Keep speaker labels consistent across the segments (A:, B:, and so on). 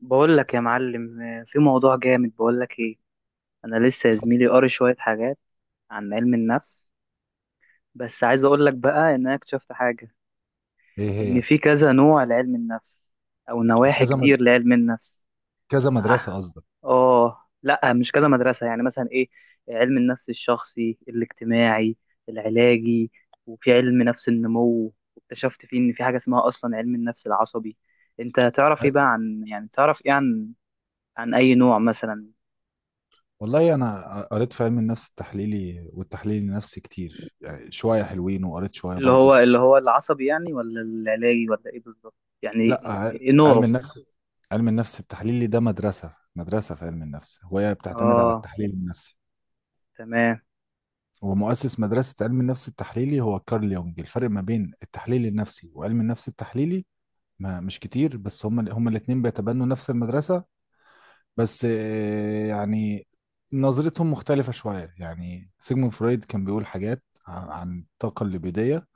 A: بقول لك يا معلم، في موضوع جامد. بقول لك ايه، انا لسه يا زميلي قاري شويه حاجات عن علم النفس، بس عايز اقول لك بقى ان انا اكتشفت حاجه،
B: ايه
A: ان
B: هي؟
A: في كذا نوع لعلم النفس او نواحي
B: كذا مد...
A: كتير لعلم النفس.
B: كذا
A: اه.
B: مدرسة قصدك؟
A: لا مش كذا مدرسه، يعني مثلا ايه، علم النفس الشخصي، الاجتماعي، العلاجي، وفي علم نفس النمو، واكتشفت فيه ان في حاجه اسمها اصلا علم النفس العصبي. انت تعرف ايه بقى
B: ايوه،
A: عن، يعني تعرف ايه عن، عن اي نوع مثلا؟
B: والله انا قريت في علم النفس التحليلي والتحليل النفسي كتير، يعني شوية حلوين، وقريت شوية
A: اللي
B: برضو
A: هو
B: في
A: اللي هو العصبي يعني، ولا العلاجي، ولا ايه بالظبط؟
B: لا
A: يعني
B: ع-
A: إيه
B: علم
A: نوعه؟
B: النفس علم النفس التحليلي ده مدرسة في علم النفس، وهي بتعتمد على
A: اه،
B: التحليل النفسي.
A: تمام.
B: ومؤسس مدرسة علم النفس التحليلي هو كارل يونج. الفرق ما بين التحليل النفسي وعلم النفس التحليلي ما مش كتير، بس هما الاتنين بيتبنوا نفس المدرسة، بس يعني نظرتهم مختلفة شوية. يعني سيجموند فرويد كان بيقول حاجات عن الطاقة الليبيدية،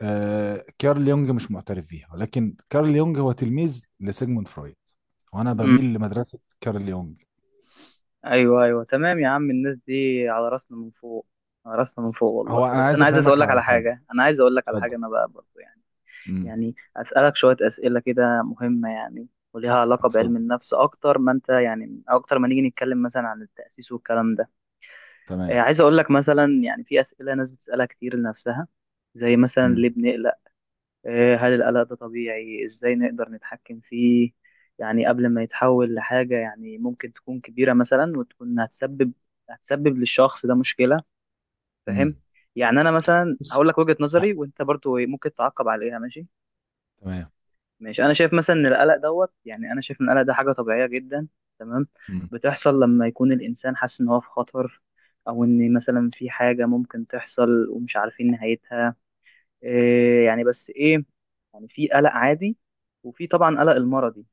B: كارل يونج مش معترف بيها، ولكن كارل يونج هو تلميذ لسيجموند فرويد، وأنا
A: مم.
B: بميل لمدرسة كارل يونج.
A: ايوه ايوه، تمام يا عم. الناس دي على راسنا من فوق، على راسنا من فوق والله.
B: هو أنا
A: بس
B: عايز
A: انا عايز
B: أفهمك
A: اسالك
B: على
A: على
B: حاجة.
A: حاجه، انا عايز اقول لك على
B: اتفضل.
A: حاجه انا بقى برضه، يعني
B: امم
A: يعني اسالك شويه اسئله كده مهمه، يعني وليها علاقه
B: اتفضل.
A: بعلم النفس اكتر ما انت، يعني اكتر ما نيجي نتكلم مثلا عن التاسيس والكلام ده.
B: تمام.
A: عايز اقول لك مثلا، يعني في اسئله ناس بتسالها كتير لنفسها، زي مثلا
B: امم
A: ليه بنقلق؟ هل القلق ده طبيعي؟ ازاي نقدر نتحكم فيه يعني قبل ما يتحول لحاجة يعني ممكن تكون كبيرة مثلا، وتكون هتسبب للشخص ده مشكلة؟
B: امم
A: فاهم؟ يعني انا مثلا
B: بص.
A: هقول لك وجهة
B: لا،
A: نظري، وانت برضو إيه، ممكن تعقب عليها، ماشي؟
B: تمام.
A: ماشي. انا شايف مثلا ان القلق يعني انا شايف ان القلق ده حاجة طبيعية جدا، تمام،
B: امم
A: بتحصل لما يكون الانسان حاسس ان هو في خطر، او ان مثلا في حاجة ممكن تحصل ومش عارفين نهايتها، إيه يعني. بس ايه؟ يعني في قلق عادي، وفي طبعا قلق المرضي.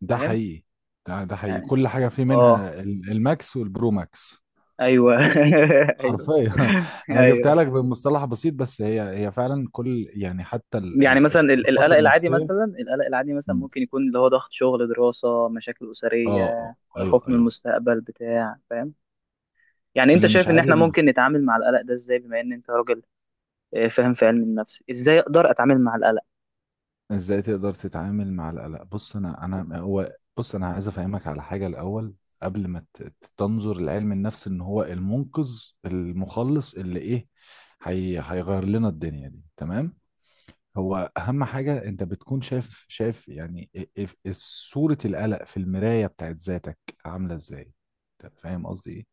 B: ده
A: فاهم
B: حقيقي. ده حقيقي.
A: يعني.
B: كل حاجة فيه
A: اه،
B: منها الماكس والبرو ماكس.
A: ايوه ايوه،
B: حرفيا انا جبتها
A: ايوه.
B: لك بمصطلح بسيط، بس هي فعلا كل يعني حتى
A: يعني مثلا
B: الاضطرابات
A: القلق العادي
B: النفسيه.
A: مثلا، القلق العادي مثلا
B: مم.
A: ممكن يكون اللي هو ضغط شغل، دراسة، مشاكل
B: اه، اه،
A: أسرية،
B: ايوه،
A: خوف من
B: ايوه.
A: المستقبل بتاع، فاهم يعني؟ انت
B: اللي مش
A: شايف ان
B: عادي
A: احنا
B: ان
A: ممكن نتعامل مع القلق ده ازاي، بما ان انت راجل فاهم في علم النفس؟ ازاي اقدر اتعامل مع القلق؟
B: ازاي تقدر تتعامل مع القلق. بص، انا هو، بص، انا عايز افهمك على حاجه الاول، قبل ما تنظر لعلم النفس ان هو المنقذ المخلص اللي ايه، هي هيغير لنا الدنيا دي. تمام. هو اهم حاجه انت بتكون شايف يعني إيه- صوره القلق في المرايه بتاعت ذاتك عامله ازاي. انت فاهم قصدي ايه؟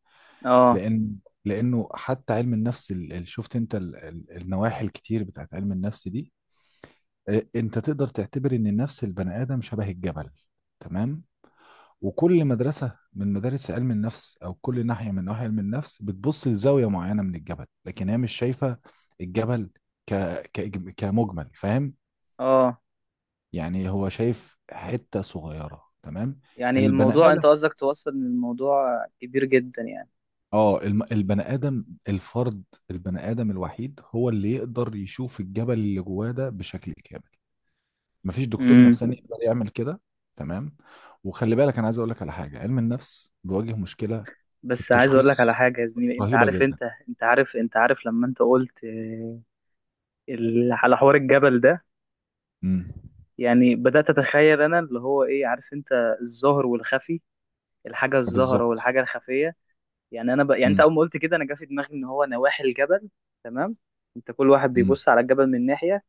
A: اه،
B: لان، لانه حتى علم النفس اللي شفت انت النواحي الكتير بتاعت علم النفس دي، انت تقدر تعتبر ان النفس البني ادم شبه الجبل. تمام. وكل مدرسه من مدارس علم النفس، او كل ناحيه من نواحي علم النفس، بتبص لزاويه معينه من الجبل لكن هي مش شايفه الجبل ك... ك... كمجمل. فاهم؟
A: اه.
B: يعني هو شايف حتة صغيرة. تمام.
A: يعني
B: البني
A: الموضوع،
B: تمام
A: انت
B: آدم.
A: قصدك توصل ان الموضوع كبير جدا.
B: اه، البني آدم الفرد، البني آدم الوحيد هو اللي يقدر يشوف الجبل اللي جواه ده بشكل كامل. مفيش دكتور
A: يعني
B: نفساني يقدر يعمل كده. تمام. وخلي بالك، أنا عايز أقول لك على حاجة. علم النفس بيواجه مشكلة في
A: بس عايز اقول لك على
B: التشخيص
A: حاجه يا زميلي، انت
B: رهيبة
A: عارف
B: جدا.
A: انت، انت عارف، انت عارف لما انت قلت على حوار الجبل ده،
B: امم
A: يعني بدات اتخيل انا اللي هو ايه، عارف انت، الظاهر والخفي، الحاجه الظاهره
B: فبالظبط.
A: والحاجه الخفيه. يعني انا يعني انت
B: امم
A: اول ما قلت كده انا جه في دماغي ان هو نواحي الجبل، تمام؟ انت كل واحد بيبص على الجبل من ناحيه،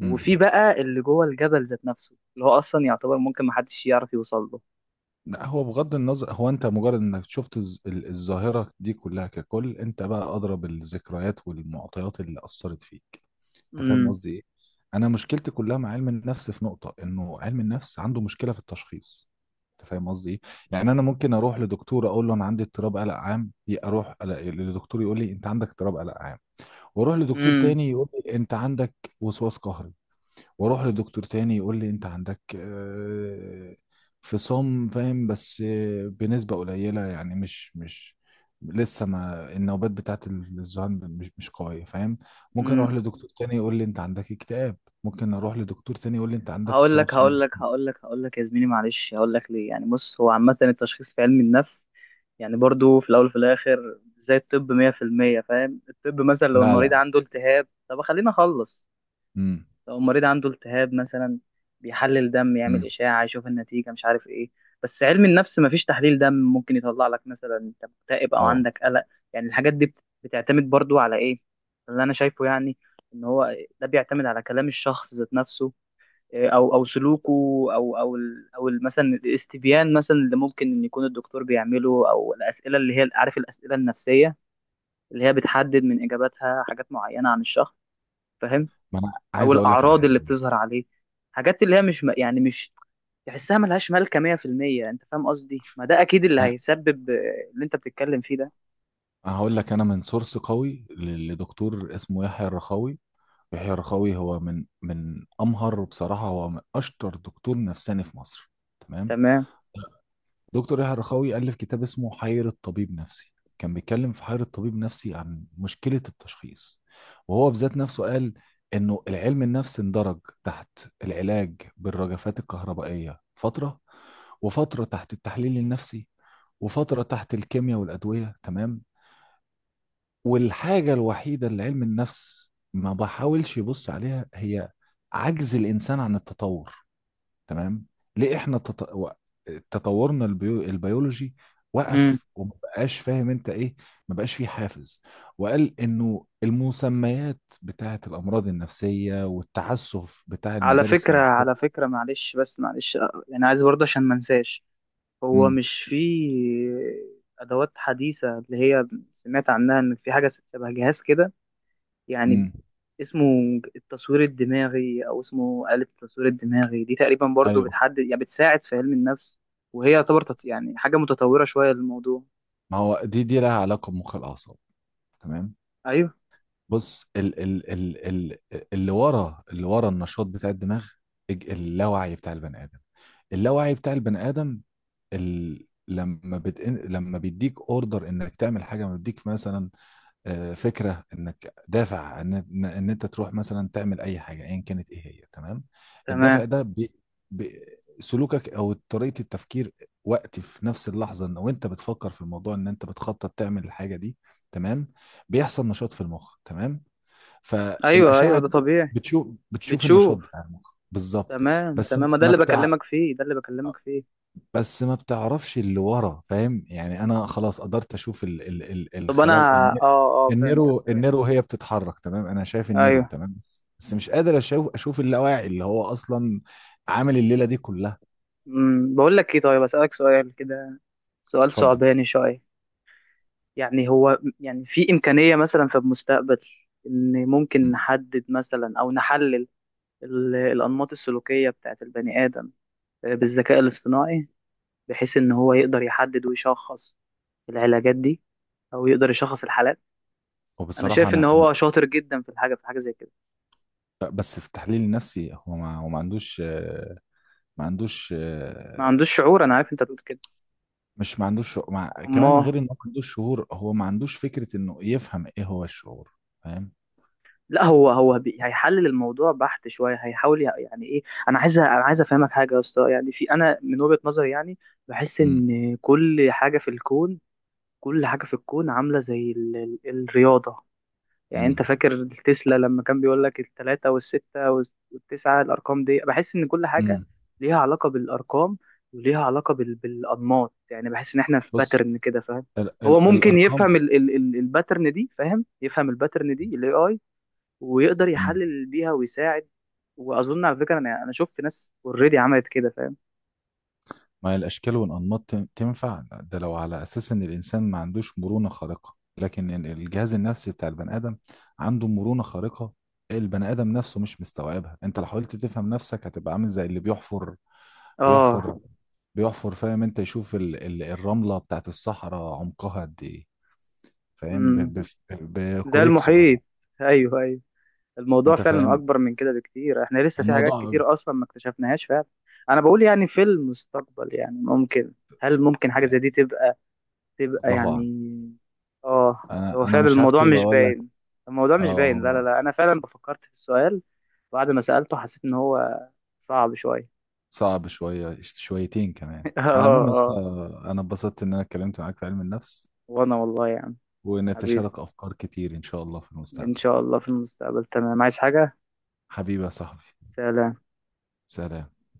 B: امم
A: بقى اللي جوه الجبل، ذات نفسه، اللي هو اصلا يعتبر ممكن محدش يعرف يوصل له.
B: لا، هو بغض النظر، هو انت مجرد انك شفت الظاهرة دي كلها ككل، انت بقى ادرى بالذكريات والمعطيات اللي اثرت فيك. انت فاهم
A: امم،
B: قصدي ايه؟ انا مشكلتي كلها مع علم النفس في نقطة انه علم النفس عنده مشكلة في التشخيص. انت فاهم قصدي ايه؟ يعني انا ممكن اروح لدكتور اقول له انا عندي اضطراب قلق عام، اروح لدكتور يقول لي انت عندك اضطراب قلق عام، واروح لدكتور
A: امم.
B: تاني يقول لي انت عندك وسواس قهري، واروح لدكتور تاني يقول لي انت عندك فصام. فاهم؟ بس بنسبة قليلة، يعني مش لسه ما النوبات بتاعت الذهان مش قوية. فاهم؟ ممكن اروح
A: امم.
B: لدكتور تاني يقول لي انت عندك اكتئاب، ممكن اروح لدكتور تاني يقول لي انت عندك
A: هقول
B: اضطراب
A: لك هقول
B: ثنائي.
A: لك هقول لك هقول لك يا زميلي، معلش، هقول لك ليه. يعني بص، هو عامة التشخيص في علم النفس يعني برضو في الأول وفي الآخر زي الطب 100%، فاهم؟ الطب مثلا لو
B: لا،
A: المريض
B: لا.
A: عنده التهاب، طب خلينا أخلص،
B: امم
A: لو المريض عنده التهاب مثلا بيحلل دم، يعمل
B: امم
A: إشاعة، يشوف النتيجة، مش عارف إيه. بس علم النفس مفيش تحليل دم ممكن يطلع لك مثلا أنت مكتئب أو
B: اه.
A: عندك قلق. يعني الحاجات دي بتعتمد برضو على إيه؟ اللي أنا شايفه يعني، إن هو ده بيعتمد على كلام الشخص ذات نفسه، او او سلوكه، او او مثلا الاستبيان مثلا اللي ممكن ان يكون الدكتور بيعمله، او الاسئله اللي هي، عارف، الاسئله النفسيه، اللي هي بتحدد من اجاباتها حاجات معينه عن الشخص، فاهم؟
B: ما انا
A: او
B: عايز اقول لك على
A: الاعراض
B: حاجة.
A: اللي بتظهر عليه. حاجات اللي هي مش م- يعني مش تحسها، ملهاش مالكه 100%، انت فاهم قصدي؟ ما ده اكيد اللي
B: ف-
A: هيسبب اللي انت بتتكلم فيه ده.
B: هقول لك انا من سورس قوي لدكتور اسمه يحيى الرخاوي. يحيى الرخاوي هو من امهر، بصراحه هو من اشطر دكتور نفساني في مصر. تمام.
A: تمام.
B: دكتور يحيى الرخاوي الف كتاب اسمه حيرة طبيب نفسي. كان بيتكلم في حيرة طبيب نفسي عن مشكله التشخيص، وهو بذات نفسه قال انه العلم النفس اندرج تحت العلاج بالرجفات الكهربائيه فتره، وفتره تحت التحليل النفسي، وفتره تحت الكيمياء والادويه. تمام. والحاجة الوحيدة اللي علم النفس ما بحاولش يبص عليها هي عجز الإنسان عن التطور. تمام. ليه إحنا تطورنا البيولوجي
A: امم،
B: وقف وما بقاش فاهم انت ايه، ما بقاش فيه حافز. وقال انه المسميات بتاعة الامراض النفسية والتعسف بتاع
A: على
B: المدارس
A: فكره، على
B: النفسية.
A: فكره، معلش بس، معلش، يعني عايز برضه عشان ما انساش، هو
B: امم
A: مش فيه أدوات حديثة، اللي هي سمعت عنها إن في حاجة شبه جهاز كده، يعني
B: امم
A: اسمه التصوير الدماغي، أو اسمه آلة التصوير الدماغي دي، تقريبا برضو
B: ايوه.
A: بتحدد، يعني بتساعد في علم النفس، وهي يعتبر يعني حاجة متطورة شوية للموضوع؟
B: ما هو دي لها علاقة بمخ الاعصاب. تمام.
A: أيوه،
B: بص، ال ال ال ال اللي ورا النشاط بتاع الدماغ، اللاوعي بتاع البني ادم، اللاوعي بتاع البني ادم لما بيديك اوردر انك تعمل حاجه، لما بيديك مثلا فكره انك دافع ان ان إن انت تروح مثلا تعمل اي حاجه ايا كانت ايه هي. تمام. الدافع
A: تمام.
B: ده بي... سلوكك او طريقه التفكير وقت، في نفس اللحظه ان وانت بتفكر في الموضوع ان انت بتخطط تعمل الحاجه دي. تمام. بيحصل نشاط في المخ. تمام.
A: أيوه
B: فالأشعة
A: أيوه، ده
B: دي
A: طبيعي.
B: بتشوف النشاط
A: بتشوف،
B: بتاع المخ بالظبط.
A: تمام
B: بس
A: تمام. ما ده
B: ما
A: اللي
B: بتاع
A: بكلمك فيه، ده اللي بكلمك فيه.
B: بس ما بتعرفش اللي ورا. فاهم؟ يعني انا خلاص قدرت اشوف ال ال ال
A: طب أنا،
B: الخلال
A: آه آه، فهمتك
B: النيرو
A: فهمت.
B: النيرو هي بتتحرك. تمام. انا شايف النيرو.
A: أيوه.
B: تمام. بس مش قادر اشوف اللاواعي اللي هو اصلا عامل الليله دي كلها.
A: أمم، بقول لك إيه، طيب أسألك سؤال كده، سؤال
B: اتفضل.
A: صعباني شوية. يعني هو، يعني في إمكانية مثلا في المستقبل، إن ممكن
B: مم.
A: نحدد مثلا أو نحلل الأنماط السلوكية بتاعت البني آدم بالذكاء الاصطناعي، بحيث إن هو يقدر يحدد ويشخص العلاجات دي، أو يقدر يشخص الحالات؟ أنا
B: وبصراحه
A: شايف
B: انا
A: إن
B: انا
A: هو شاطر جدا في الحاجة، في حاجة زي كده.
B: بس في التحليل النفسي، هو ما هو ما عندوش آه، ما عندوش.
A: ما عندوش شعور، أنا عارف أنت بتقول كده.
B: مش ما عندوش شعور. كمان،
A: أمال؟
B: غير انه ما عندوش شعور، هو ما عندوش فكرة انه يفهم ايه هو الشعور. فاهم؟
A: لا، هو هو هيحلل الموضوع بحت شويه، هيحاول يعني ايه، انا عايز افهمك حاجه يا اسطى، يعني في، انا من وجهه نظري يعني بحس
B: امم
A: ان كل حاجه في الكون، كل حاجه في الكون عامله زي ال الرياضه، يعني انت
B: امم
A: فاكر تسلا لما كان بيقول لك الثلاثه والسته والتسعه؟ الارقام دي بحس ان كل حاجه
B: امم
A: ليها علاقه بالارقام، وليها علاقه بالانماط. يعني بحس ان احنا في
B: بص.
A: باترن كده، فاهم؟ هو ممكن
B: الارقام.
A: يفهم الباترن دي، فاهم؟ يفهم الباترن دي الاي، ويقدر
B: امم
A: يحلل بيها ويساعد. واظن على فكره، انا انا شفت ناس اوريدي عملت كده، فاهم؟
B: ما هي الاشكال والانماط تنفع ده لو على اساس ان الانسان ما عندوش مرونة خارقة، لكن الجهاز النفسي بتاع البني ادم عنده مرونة خارقة. البني ادم نفسه مش مستوعبها. انت لو حاولت تفهم نفسك هتبقى عامل زي اللي بيحفر،
A: اه.
B: بيحفر بيحفر. فاهم انت؟ يشوف الرملة بتاعت الصحراء عمقها قد ايه. فاهم؟
A: امم. زي
B: بكوريك
A: المحيط.
B: صغيره.
A: ايوه ايوه، الموضوع
B: انت
A: فعلا
B: فاهم
A: اكبر من كده بكتير، احنا لسه في حاجات
B: الموضوع؟
A: كتير اصلا ما اكتشفناهاش فعلا. انا بقول يعني في المستقبل يعني ممكن، هل ممكن حاجه زي دي تبقى، تبقى
B: الله اعلم.
A: يعني؟ اه،
B: انا
A: هو
B: انا
A: فعلا
B: مش
A: الموضوع
B: هفتي
A: مش
B: واقول لك.
A: باين، الموضوع مش
B: اه،
A: باين. لا لا
B: هو
A: لا، انا فعلا فكرت في السؤال، بعد ما سألته حسيت ان هو صعب شويه.
B: صعب شويه، شويتين كمان.
A: اه،
B: على العموم يا اسطى،
A: اه.
B: انا اتبسطت ان انا اتكلمت معاك في علم النفس،
A: وانا والله يا عم، حبيبي،
B: ونتشارك افكار كتير ان شاء الله في
A: ان
B: المستقبل.
A: شاء الله في المستقبل، تمام. عايز حاجة؟
B: حبيبي يا صاحبي.
A: سلام.
B: سلام.